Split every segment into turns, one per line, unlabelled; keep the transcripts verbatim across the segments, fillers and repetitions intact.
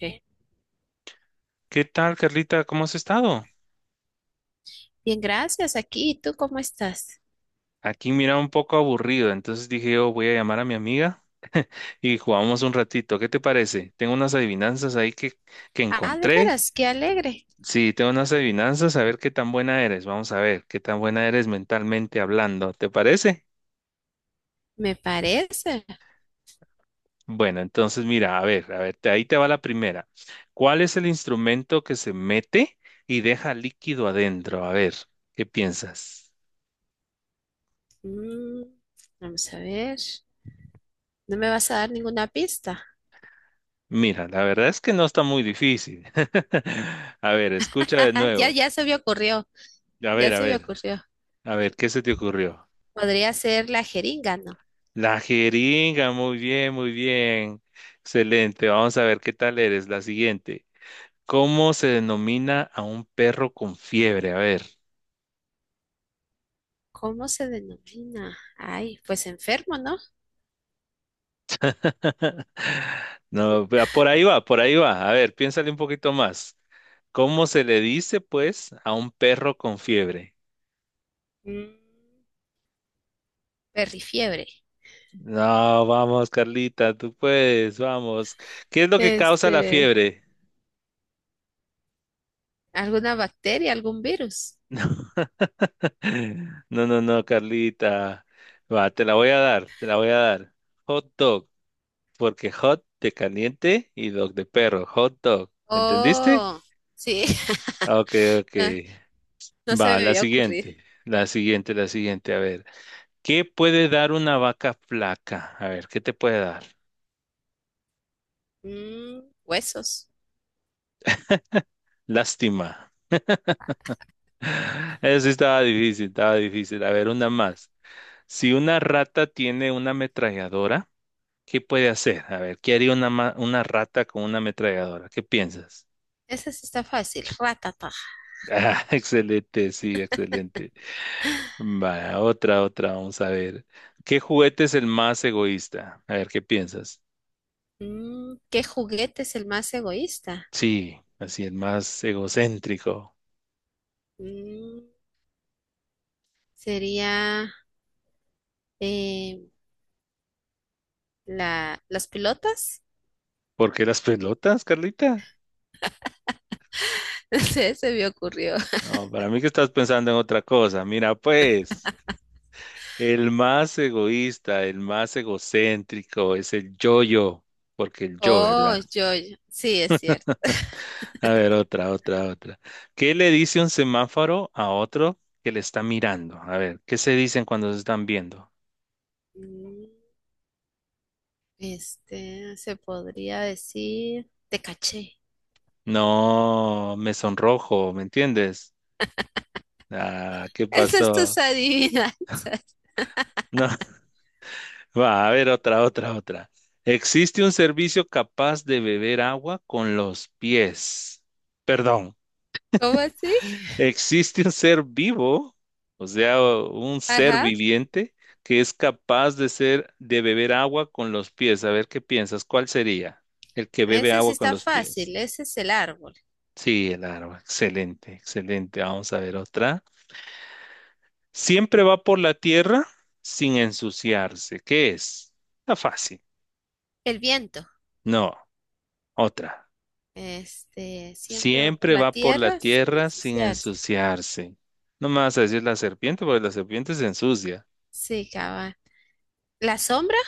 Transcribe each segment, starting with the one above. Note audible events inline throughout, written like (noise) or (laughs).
Eh,
¿Qué tal, Carlita? ¿Cómo has estado?
Bien, gracias. Aquí, ¿y tú cómo estás?
Aquí mira un poco aburrido, entonces dije yo voy a llamar a mi amiga y jugamos un ratito. ¿Qué te parece? Tengo unas adivinanzas ahí que, que
Ah, de
encontré.
veras, qué alegre.
Sí, tengo unas adivinanzas, a ver qué tan buena eres. Vamos a ver qué tan buena eres mentalmente hablando. ¿Te parece?
Me parece.
Bueno, entonces mira, a ver, a ver, te- ahí te va la primera. ¿Cuál es el instrumento que se mete y deja líquido adentro? A ver, ¿qué piensas?
Mm, vamos a ver. ¿No me vas a dar ninguna pista?
Mira, la verdad es que no está muy difícil. (laughs) A ver, escucha de
(laughs) ya,
nuevo.
ya se me ocurrió.
A
Ya
ver, a
se me
ver,
ocurrió.
a ver, ¿qué se te ocurrió?
Podría ser la jeringa, ¿no?
La jeringa, muy bien, muy bien. Excelente, vamos a ver qué tal eres. La siguiente. ¿Cómo se denomina a un perro con fiebre? A ver.
¿Cómo se denomina? Ay, pues enfermo, ¿no?
(laughs) No, vea, por ahí va, por ahí va. A ver, piénsale un poquito más. ¿Cómo se le dice, pues, a un perro con fiebre?
Mm, perrifiebre.
No, vamos, Carlita, tú puedes, vamos. ¿Qué es lo que causa la
Este,
fiebre?
¿alguna bacteria, algún virus?
(laughs) No, no, no, Carlita. Va, te la voy a dar, te la voy a dar. Hot dog, porque hot de caliente y dog de perro, hot dog. ¿Entendiste?
Oh, sí,
Ok, ok.
(laughs) no, no se
Va,
me
la
había ocurrido.
siguiente, la siguiente, la siguiente. A ver, ¿qué puede dar una vaca flaca? A ver, ¿qué te puede dar?
Mm, huesos.
Lástima. (laughs) Eso sí estaba difícil, estaba difícil. A ver, una más. Si una rata tiene una ametralladora, ¿qué puede hacer? A ver, ¿qué haría una, ma- una rata con una ametralladora? ¿Qué piensas? (laughs)
Esa sí está fácil. Ratata.
Ah, excelente, sí, excelente. Vaya, otra, otra, vamos a ver. ¿Qué juguete es el más egoísta? A ver, ¿qué piensas?
Mm, ¿Qué juguete es el más egoísta?
Sí, así el más egocéntrico.
Mm, sería eh, la, las pilotas.
¿Por qué las pelotas, Carlita?
(laughs) Se, se me ocurrió.
No, para mí que estás pensando en otra cosa. Mira, pues, el más egoísta, el más egocéntrico es el yo-yo, porque el yo,
Oh,
¿verdad?
yo, yo. Sí, es cierto.
(laughs) A ver, otra, otra, otra. ¿Qué le dice un semáforo a otro que le está mirando? A ver, ¿qué se dicen cuando se están viendo?
Mm, Este, se podría decir, te caché.
No, me sonrojo, ¿me entiendes? Ah, ¿qué
(laughs) esas es
pasó?
tus adivinanzas. (laughs)
No. (laughs) Va, a ver, otra, otra, otra. Existe un servicio capaz de beber agua con los pies. Perdón.
¿Cómo así?
Existe un ser vivo, o sea, un ser
Ajá.
viviente que es capaz de ser, de beber agua con los pies. A ver qué piensas, ¿cuál sería? El que bebe
Ese sí
agua con
está
los pies.
fácil. Ese es el árbol.
Sí, el agua. Excelente, excelente. Vamos a ver otra. Siempre va por la tierra sin ensuciarse. ¿Qué es? Está fácil.
El viento.
No, otra.
Este, siempre va por
Siempre
la
va por la
tierra sin
tierra sin
ensuciarse.
ensuciarse. No me vas a decir la serpiente, porque la serpiente se ensucia.
Sí, cabal. La sombra,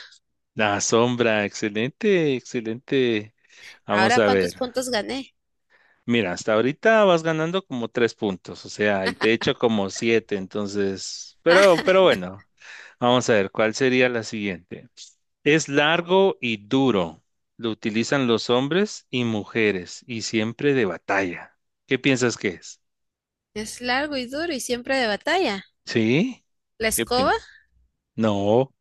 La sombra, excelente, excelente. Vamos
ahora
a
cuántos
ver.
puntos gané.
Mira, hasta ahorita vas ganando como tres puntos, o sea, y te he hecho como siete, entonces, pero, pero
(laughs)
bueno, vamos a ver, ¿cuál sería la siguiente? Es largo y duro. Lo utilizan los hombres y mujeres y siempre de batalla. ¿Qué piensas que es?
es largo y duro y siempre de batalla.
¿Sí?
La
¿Qué
escoba,
piensas? No,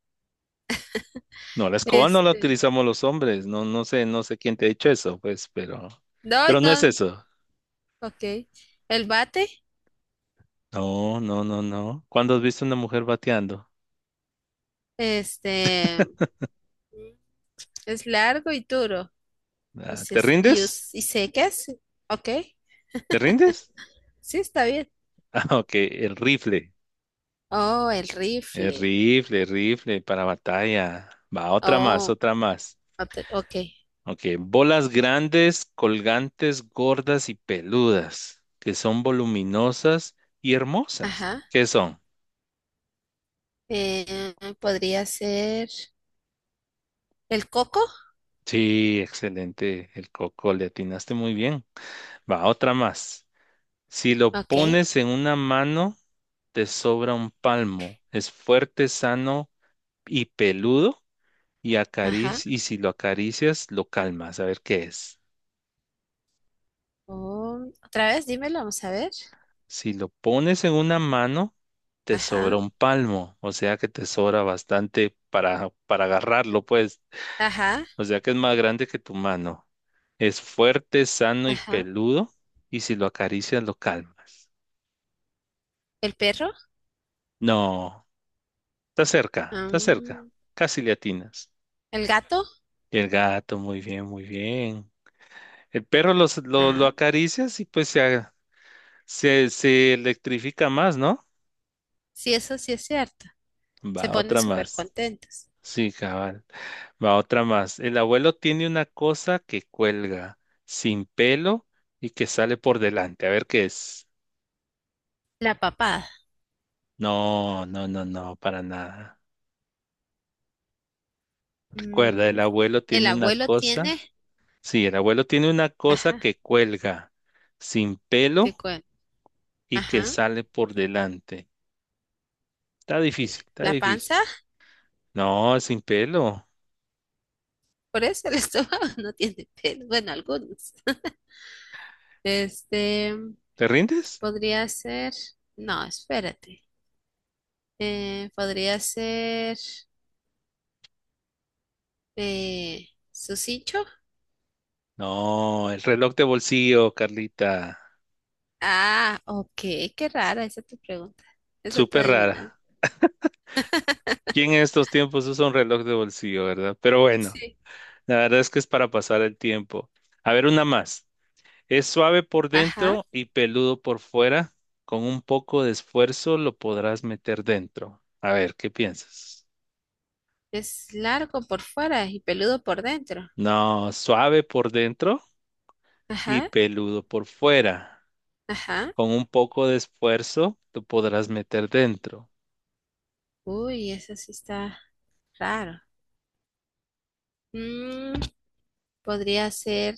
no, la escoba no la
este,
utilizamos los hombres. No, no sé, no sé quién te ha dicho eso, pues, pero,
no,
pero no es
no,
eso.
ok. El bate,
No, no, no, no. ¿Cuándo has visto una mujer bateando?
este, es largo y duro y
Ah,
se,
¿te
y,
rindes?
us- y secas, ok.
¿Te rindes? (laughs)
Sí, está bien.
Ah, ok, el rifle.
Oh, el
El
rifle.
rifle, el rifle para batalla. Va, otra más,
Oh,
otra más.
ot- ok.
Ok, bolas grandes, colgantes, gordas y peludas, que son voluminosas y hermosas.
Ajá.
¿Qué son?
Eh, podría ser el coco,
Sí, excelente, el coco, le atinaste muy bien. Va, otra más. Si lo
ok.
pones en una mano, te sobra un palmo. Es fuerte, sano y peludo. Y,
Ajá.
acarici- y si lo acaricias, lo calmas. A ver qué es.
Oh, otra vez, dímelo, vamos a ver.
Si lo pones en una mano, te sobra
Ajá,
un palmo. O sea que te sobra bastante para, para agarrarlo, pues.
ajá,
O sea que es más grande que tu mano. Es fuerte, sano y
ajá.
peludo. Y si lo acaricias, lo calmas.
¿El perro?
No, está cerca,
Ah,
está cerca.
mm,
Casi le atinas.
¿el gato?
Y el gato, muy bien, muy bien. El perro los- lo, lo
Ah,
acaricias y pues se, a- se, se electrifica más, ¿no?
sí, eso sí es cierto. Se
Va,
ponen
otra
súper
más.
contentos.
Sí, cabal. Va, otra más. El abuelo tiene una cosa que cuelga sin pelo y que sale por delante. A ver qué es.
La papada.
No, no, no, no, para nada. Recuerda,
Mm,
el abuelo
el
tiene una
abuelo tiene,
cosa. Sí, el abuelo tiene una cosa
ajá,
que cuelga sin pelo
qué cuen-
y que
ajá,
sale por delante. Está difícil, está
la
difícil.
panza.
No, sin pelo.
Por eso el (laughs) estómago no tiene pelo. Bueno, algunos. (laughs) Este, mm,
¿Te rindes?
podría ser, no, espérate. Eh, podría ser eh, su cincho.
No, el reloj de bolsillo, Carlita.
Ah, ok, qué rara esa tu pregunta. Esa tu
Súper
adivinanza.
rara. Y en estos tiempos usa un reloj de bolsillo, ¿verdad? Pero bueno,
Sí.
la verdad es que es para pasar el tiempo. A ver, una más. Es suave por
Ajá.
dentro y peludo por fuera. Con un poco de esfuerzo lo podrás meter dentro. A ver, ¿qué piensas?
Es largo por fuera y peludo por dentro.
No, suave por dentro y
Ajá,
peludo por fuera.
ajá.
Con un poco de esfuerzo tú podrás meter dentro.
Uy, eso sí está raro. Mm, podría ser.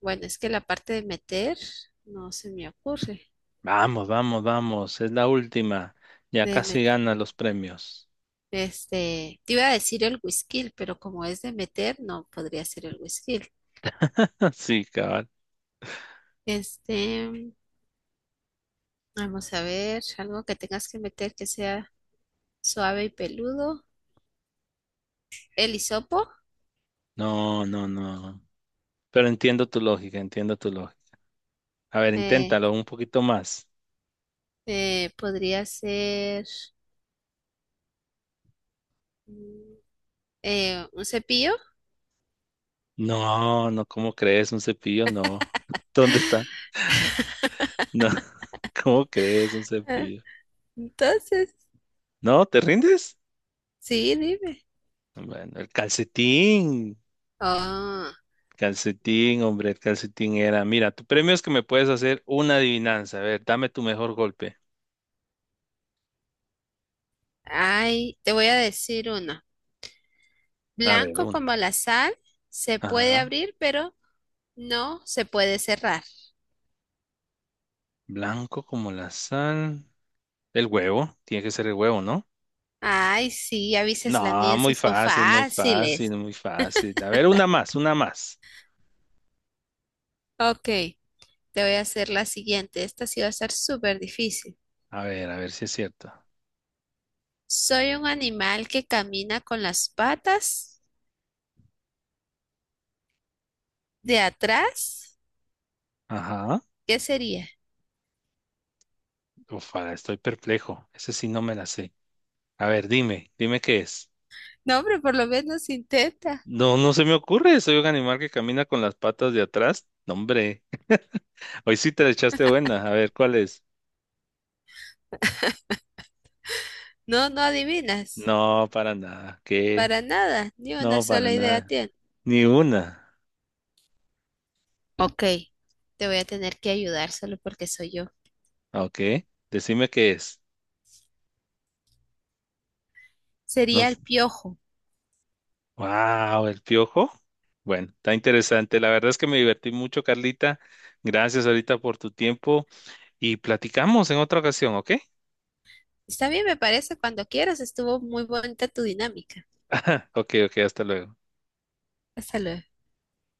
Bueno, es que la parte de meter no se me ocurre.
Vamos, vamos, vamos. Es la última. Ya
De
casi
meter.
ganas los premios.
Este, te iba a decir el whisky, pero como es de meter, no podría ser el whisky.
(laughs) Sí, cabal.
Este, vamos a ver, algo que tengas que meter que sea suave y peludo. El hisopo
No, no, no. Pero entiendo tu lógica, entiendo tu lógica. A ver,
eh,
inténtalo un poquito más.
eh, podría ser mm, eh, un cepillo.
No, no, ¿cómo crees? Un cepillo, no. (laughs) ¿Dónde está? No, (laughs) ¿cómo crees? Un
Ah,
cepillo.
entonces,
¿No? ¿Te rindes?
sí, dime.
Bueno, el calcetín.
Oh,
Calcetín, hombre, el calcetín era. Mira, tu premio es que me puedes hacer una adivinanza. A ver, dame tu mejor golpe.
ay, te voy a decir uno.
A ver,
Blanco
uno.
como la sal, se puede
Ajá.
abrir, pero no se puede cerrar.
Blanco como la sal. El huevo. Tiene que ser el huevo, ¿no?
Ay, sí, a veces las
No,
mías
muy
sí son
fácil, muy fácil,
fáciles.
muy fácil. A ver, una más, una más.
Ok, te voy a hacer la siguiente. Esta sí va a ser súper difícil.
A ver, a ver si es cierto.
Soy un animal que camina con las patas de atrás.
Ajá.
¿Qué sería?
Ufa, estoy perplejo. Ese sí no me la sé. A ver, dime, dime qué es.
No, hombre, por lo menos intenta.
No, no se me ocurre. Soy un animal que camina con las patas de atrás. No, hombre. (laughs) Hoy sí te la echaste buena. A ver, ¿cuál es?
No, no adivinas.
No, para nada. ¿Qué?
Para nada, ni una
No, para
sola idea
nada.
tiene.
Ni una.
Ok, te voy a tener que ayudar solo porque soy yo.
Ah, ok. Decime qué es. No.
Sería el piojo.
Wow, el piojo. Bueno, está interesante. La verdad es que me divertí mucho, Carlita. Gracias ahorita por tu tiempo y platicamos en otra ocasión, ¿ok?
Está bien, me parece, cuando quieras. Estuvo muy bonita tu dinámica.
(laughs) Ok, ok, hasta luego.
Hasta luego.